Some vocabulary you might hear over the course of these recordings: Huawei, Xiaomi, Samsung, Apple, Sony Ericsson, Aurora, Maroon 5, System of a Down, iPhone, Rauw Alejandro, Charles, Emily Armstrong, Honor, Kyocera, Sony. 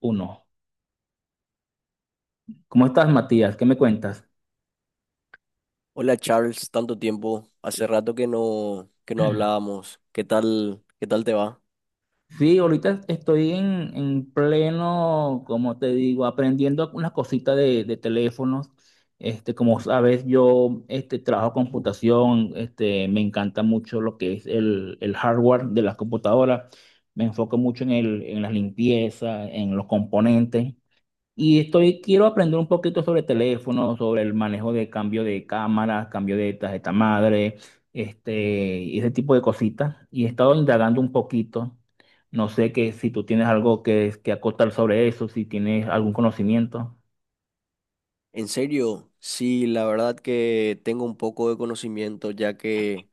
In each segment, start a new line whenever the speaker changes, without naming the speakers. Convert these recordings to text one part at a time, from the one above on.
Uno. ¿Cómo estás, Matías? ¿Qué me cuentas?
Hola Charles, tanto tiempo. Hace rato que que no hablábamos. ¿Qué tal te va?
Sí, ahorita estoy en pleno, como te digo, aprendiendo unas cositas de teléfonos. Este, como sabes, yo este, trabajo computación, este, me encanta mucho lo que es el hardware de las computadoras. Me enfoco mucho en el, en la limpieza, en los componentes. Y estoy, quiero aprender un poquito sobre teléfono, sobre el manejo de cambio de cámaras, cambio de tarjeta madre, este, y ese tipo de cositas. Y he estado indagando un poquito. No sé que si tú tienes algo que acotar sobre eso, si tienes algún conocimiento.
En serio, sí, la verdad que tengo un poco de conocimiento ya que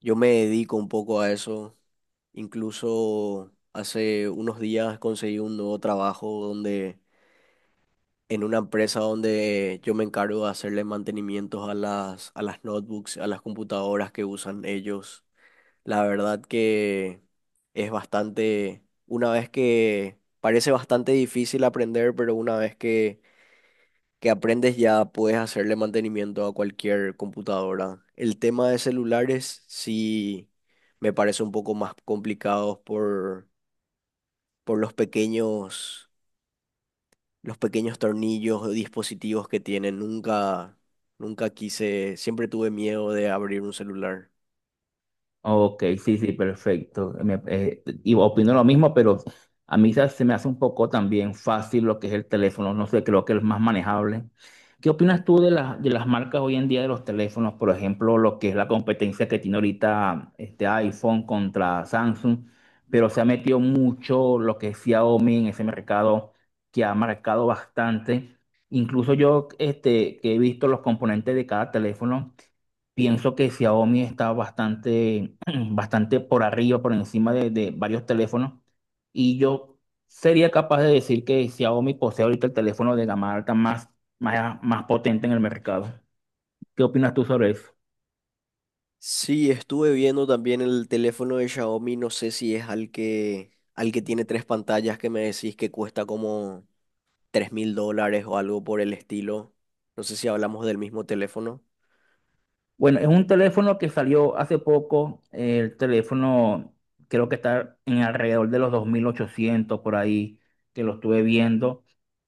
yo me dedico un poco a eso. Incluso hace unos días conseguí un nuevo trabajo donde en una empresa donde yo me encargo de hacerle mantenimientos a las notebooks, a las computadoras que usan ellos. La verdad que es bastante, una vez que parece bastante difícil aprender, pero una vez que aprendes ya puedes hacerle mantenimiento a cualquier computadora. El tema de celulares sí me parece un poco más complicado por los pequeños tornillos o dispositivos que tienen. Nunca quise, siempre tuve miedo de abrir un celular.
Ok, sí, sí, perfecto. Y opino lo mismo, pero a mí se me hace un poco también fácil lo que es el teléfono. No sé, creo que es más manejable. ¿Qué opinas tú de las marcas hoy en día de los teléfonos? Por ejemplo, lo que es la competencia que tiene ahorita este iPhone contra Samsung, pero se ha metido mucho lo que es Xiaomi en ese mercado que ha marcado bastante. Incluso yo este, que he visto los componentes de cada teléfono. Pienso que Xiaomi está bastante, bastante por arriba, por encima de varios teléfonos. Y yo sería capaz de decir que Xiaomi posee ahorita el teléfono de gama alta más potente en el mercado. ¿Qué opinas tú sobre eso?
Sí, estuve viendo también el teléfono de Xiaomi, no sé si es al que tiene tres pantallas que me decís que cuesta como $3000 o algo por el estilo. No sé si hablamos del mismo teléfono.
Bueno, es un teléfono que salió hace poco. El teléfono creo que está en alrededor de los 2800 por ahí, que lo estuve viendo.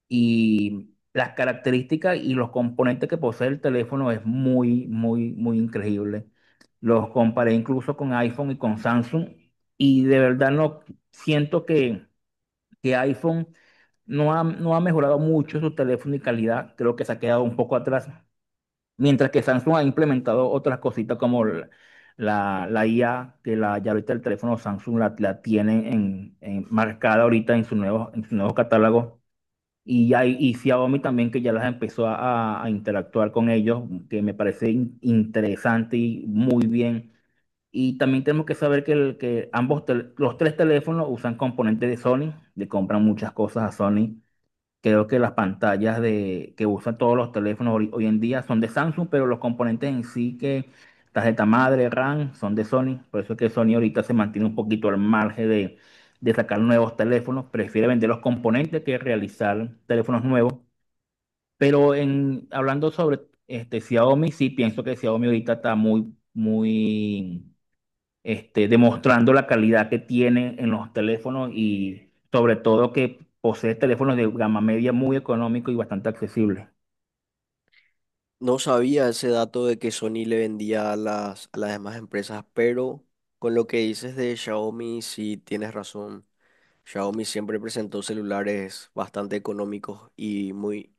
Y las características y los componentes que posee el teléfono es muy increíble. Los comparé incluso con iPhone y con Samsung y de verdad no siento que iPhone no ha mejorado mucho su teléfono y calidad, creo que se ha quedado un poco atrás, mientras que Samsung ha implementado otras cositas como la IA, que la, ya ahorita el teléfono Samsung la tiene marcada ahorita en su nuevo catálogo. Y Xiaomi también que ya las empezó a interactuar con ellos, que me parece interesante y muy bien. Y también tenemos que saber que, que ambos, los tres teléfonos usan componentes de Sony, le compran muchas cosas a Sony. Creo que las pantallas que usan todos los teléfonos hoy en día son de Samsung, pero los componentes en sí que tarjeta madre, RAM, son de Sony. Por eso es que Sony ahorita se mantiene un poquito al margen de sacar nuevos teléfonos. Prefiere vender los componentes que realizar teléfonos nuevos. Pero hablando sobre este, Xiaomi, sí pienso que Xiaomi ahorita está muy este, demostrando la calidad que tienen en los teléfonos y sobre todo que posee teléfonos de gama media muy económico y bastante accesible.
No sabía ese dato de que Sony le vendía a las demás empresas, pero con lo que dices de Xiaomi, sí tienes razón. Xiaomi siempre presentó celulares bastante económicos y muy,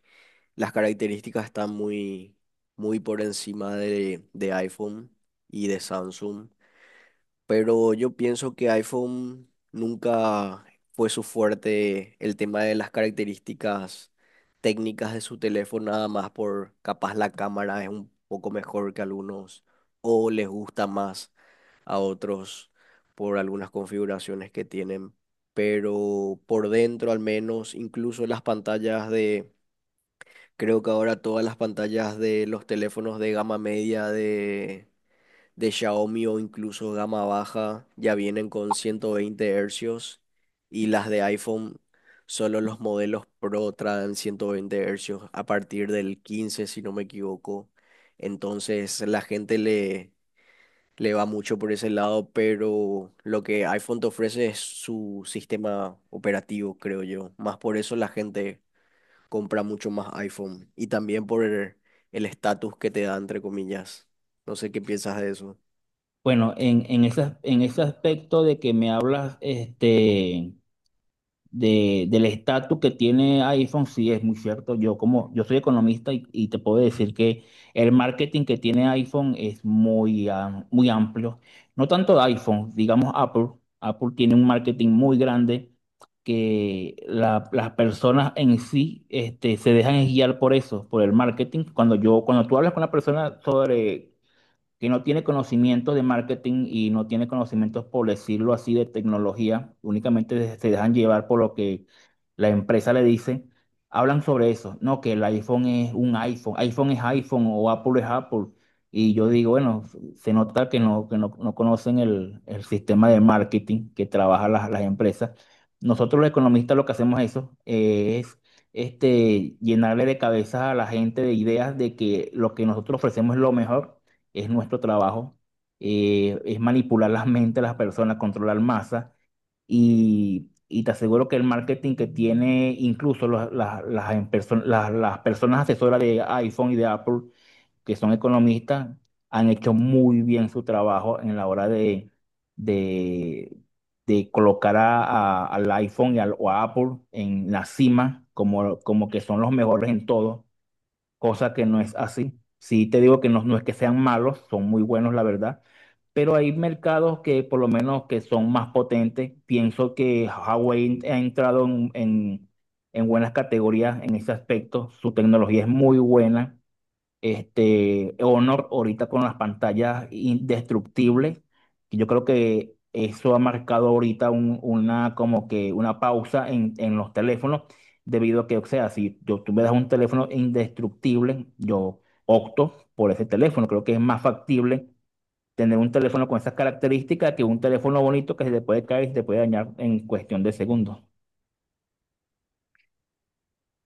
las características están muy, muy por encima de iPhone y de Samsung, pero yo pienso que iPhone nunca fue su fuerte el tema de las características técnicas de su teléfono, nada más por capaz la cámara es un poco mejor que algunos o les gusta más a otros por algunas configuraciones que tienen, pero por dentro al menos, incluso las pantallas de creo que ahora todas las pantallas de los teléfonos de gama media de Xiaomi o incluso gama baja ya vienen con 120 hercios y las de iPhone, solo los modelos Pro traen 120 hercios a partir del 15, si no me equivoco. Entonces la gente le va mucho por ese lado, pero lo que iPhone te ofrece es su sistema operativo, creo yo. Más por eso la gente compra mucho más iPhone y también por el estatus que te da, entre comillas. No sé qué piensas de eso.
Bueno, en ese aspecto de que me hablas, este, del estatus que tiene iPhone, sí es muy cierto. Yo como yo soy economista y te puedo decir que el marketing que tiene iPhone es muy amplio. No tanto de iPhone, digamos Apple. Apple tiene un marketing muy grande que las personas en sí este, se dejan guiar por eso, por el marketing. Cuando tú hablas con una persona sobre que no tiene conocimiento de marketing y no tiene conocimientos, por decirlo así, de tecnología, únicamente se dejan llevar por lo que la empresa le dice, hablan sobre eso, no, que el iPhone es un iPhone, iPhone es iPhone o Apple es Apple. Y yo digo, bueno, se nota que no, no conocen el sistema de marketing que trabajan las empresas. Nosotros los economistas lo que hacemos eso es este, llenarle de cabeza a la gente de ideas de que lo que nosotros ofrecemos es lo mejor es nuestro trabajo, es manipular las mentes de las personas, controlar masa y te aseguro que el marketing que tiene incluso las personas asesoras de iPhone y de Apple, que son economistas, han hecho muy bien su trabajo en la hora de, de colocar al iPhone y al, o a Apple en la cima, como, como que son los mejores en todo cosa que no es así. Sí te digo que no, no es que sean malos, son muy buenos, la verdad, pero hay mercados que por lo menos que son más potentes. Pienso que Huawei ha entrado en buenas categorías en ese aspecto. Su tecnología es muy buena. Este, Honor ahorita con las pantallas indestructibles, que yo creo que eso ha marcado ahorita una como que una pausa en los teléfonos, debido a que, o sea, si yo, tú me das un teléfono indestructible, yo opto por ese teléfono. Creo que es más factible tener un teléfono con esas características que un teléfono bonito que se te puede caer y se te puede dañar en cuestión de segundos.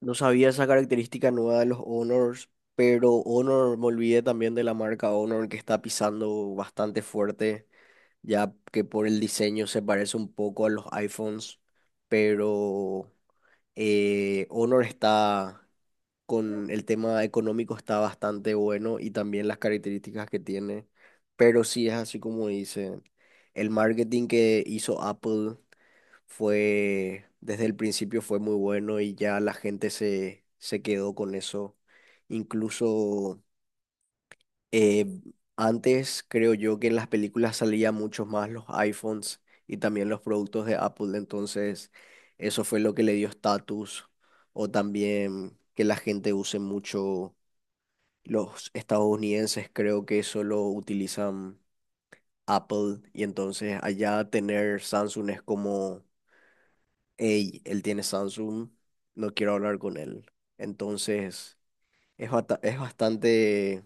No sabía esa característica nueva de los Honors, pero Honor, me olvidé también de la marca Honor que está pisando bastante fuerte, ya que por el diseño se parece un poco a los iPhones, pero Honor está con el tema económico está bastante bueno y también las características que tiene, pero sí es así como dice, el marketing que hizo Apple fue, desde el principio fue muy bueno y ya la gente se quedó con eso. Incluso eh, antes creo yo que en las películas salían muchos más los iPhones y también los productos de Apple, entonces eso fue lo que le dio estatus o también que la gente use mucho los estadounidenses creo que solo utilizan Apple y entonces allá tener Samsung es como, hey, él tiene Samsung, no quiero hablar con él. Entonces es, es bastante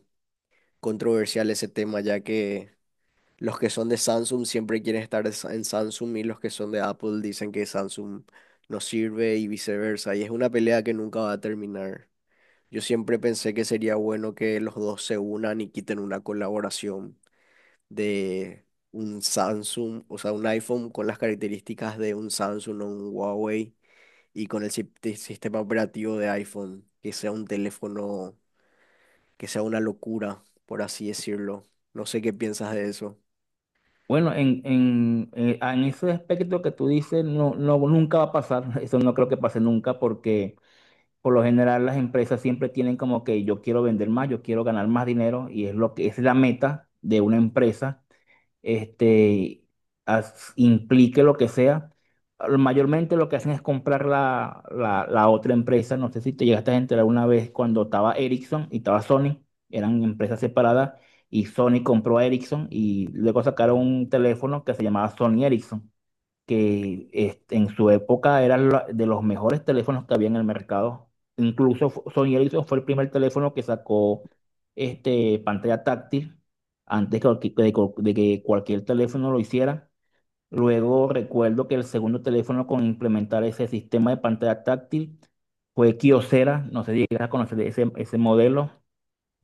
controversial ese tema ya que los que son de Samsung siempre quieren estar en en Samsung y los que son de Apple dicen que Samsung no sirve y viceversa. Y es una pelea que nunca va a terminar. Yo siempre pensé que sería bueno que los dos se unan y quiten una colaboración de un Samsung, o sea, un iPhone con las características de un Samsung o un Huawei y con el sistema operativo de iPhone, que sea un teléfono, que sea una locura, por así decirlo. No sé qué piensas de eso.
Bueno, en ese aspecto que tú dices, no, no, nunca va a pasar, eso no creo que pase nunca, porque por lo general las empresas siempre tienen como que yo quiero vender más, yo quiero ganar más dinero, y es lo que es la meta de una empresa este, implique lo que sea. Mayormente lo que hacen es comprar la otra empresa. No sé si te llegaste a enterar una vez cuando estaba Ericsson y estaba Sony, eran empresas separadas, y Sony compró a Ericsson y luego sacaron un teléfono que se llamaba Sony Ericsson que este, en su época era de los mejores teléfonos que había en el mercado. Incluso Sony Ericsson fue el primer teléfono que sacó este, pantalla táctil antes que, de que cualquier teléfono lo hiciera. Luego recuerdo que el segundo teléfono con implementar ese sistema de pantalla táctil fue Kyocera, no sé si llegas a conocer ese modelo.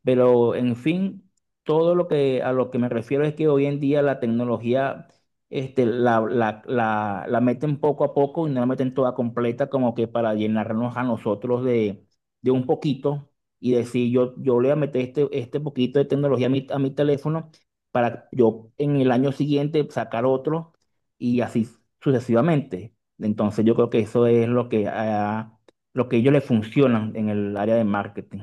Pero en fin, todo lo que a lo que me refiero es que hoy en día la tecnología este, la meten poco a poco y no la meten toda completa, como que para llenarnos a nosotros de un poquito y decir yo le voy a meter este, este poquito de tecnología a a mi teléfono para yo en el año siguiente sacar otro y así sucesivamente. Entonces yo creo que eso es lo que a ellos les funcionan en el área de marketing.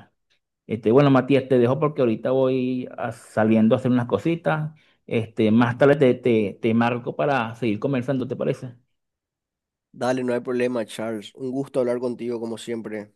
Este, bueno, Matías, te dejo porque ahorita saliendo a hacer unas cositas. Este, más tarde te marco para seguir conversando, ¿te parece?
Dale, no hay problema, Charles. Un gusto hablar contigo como siempre.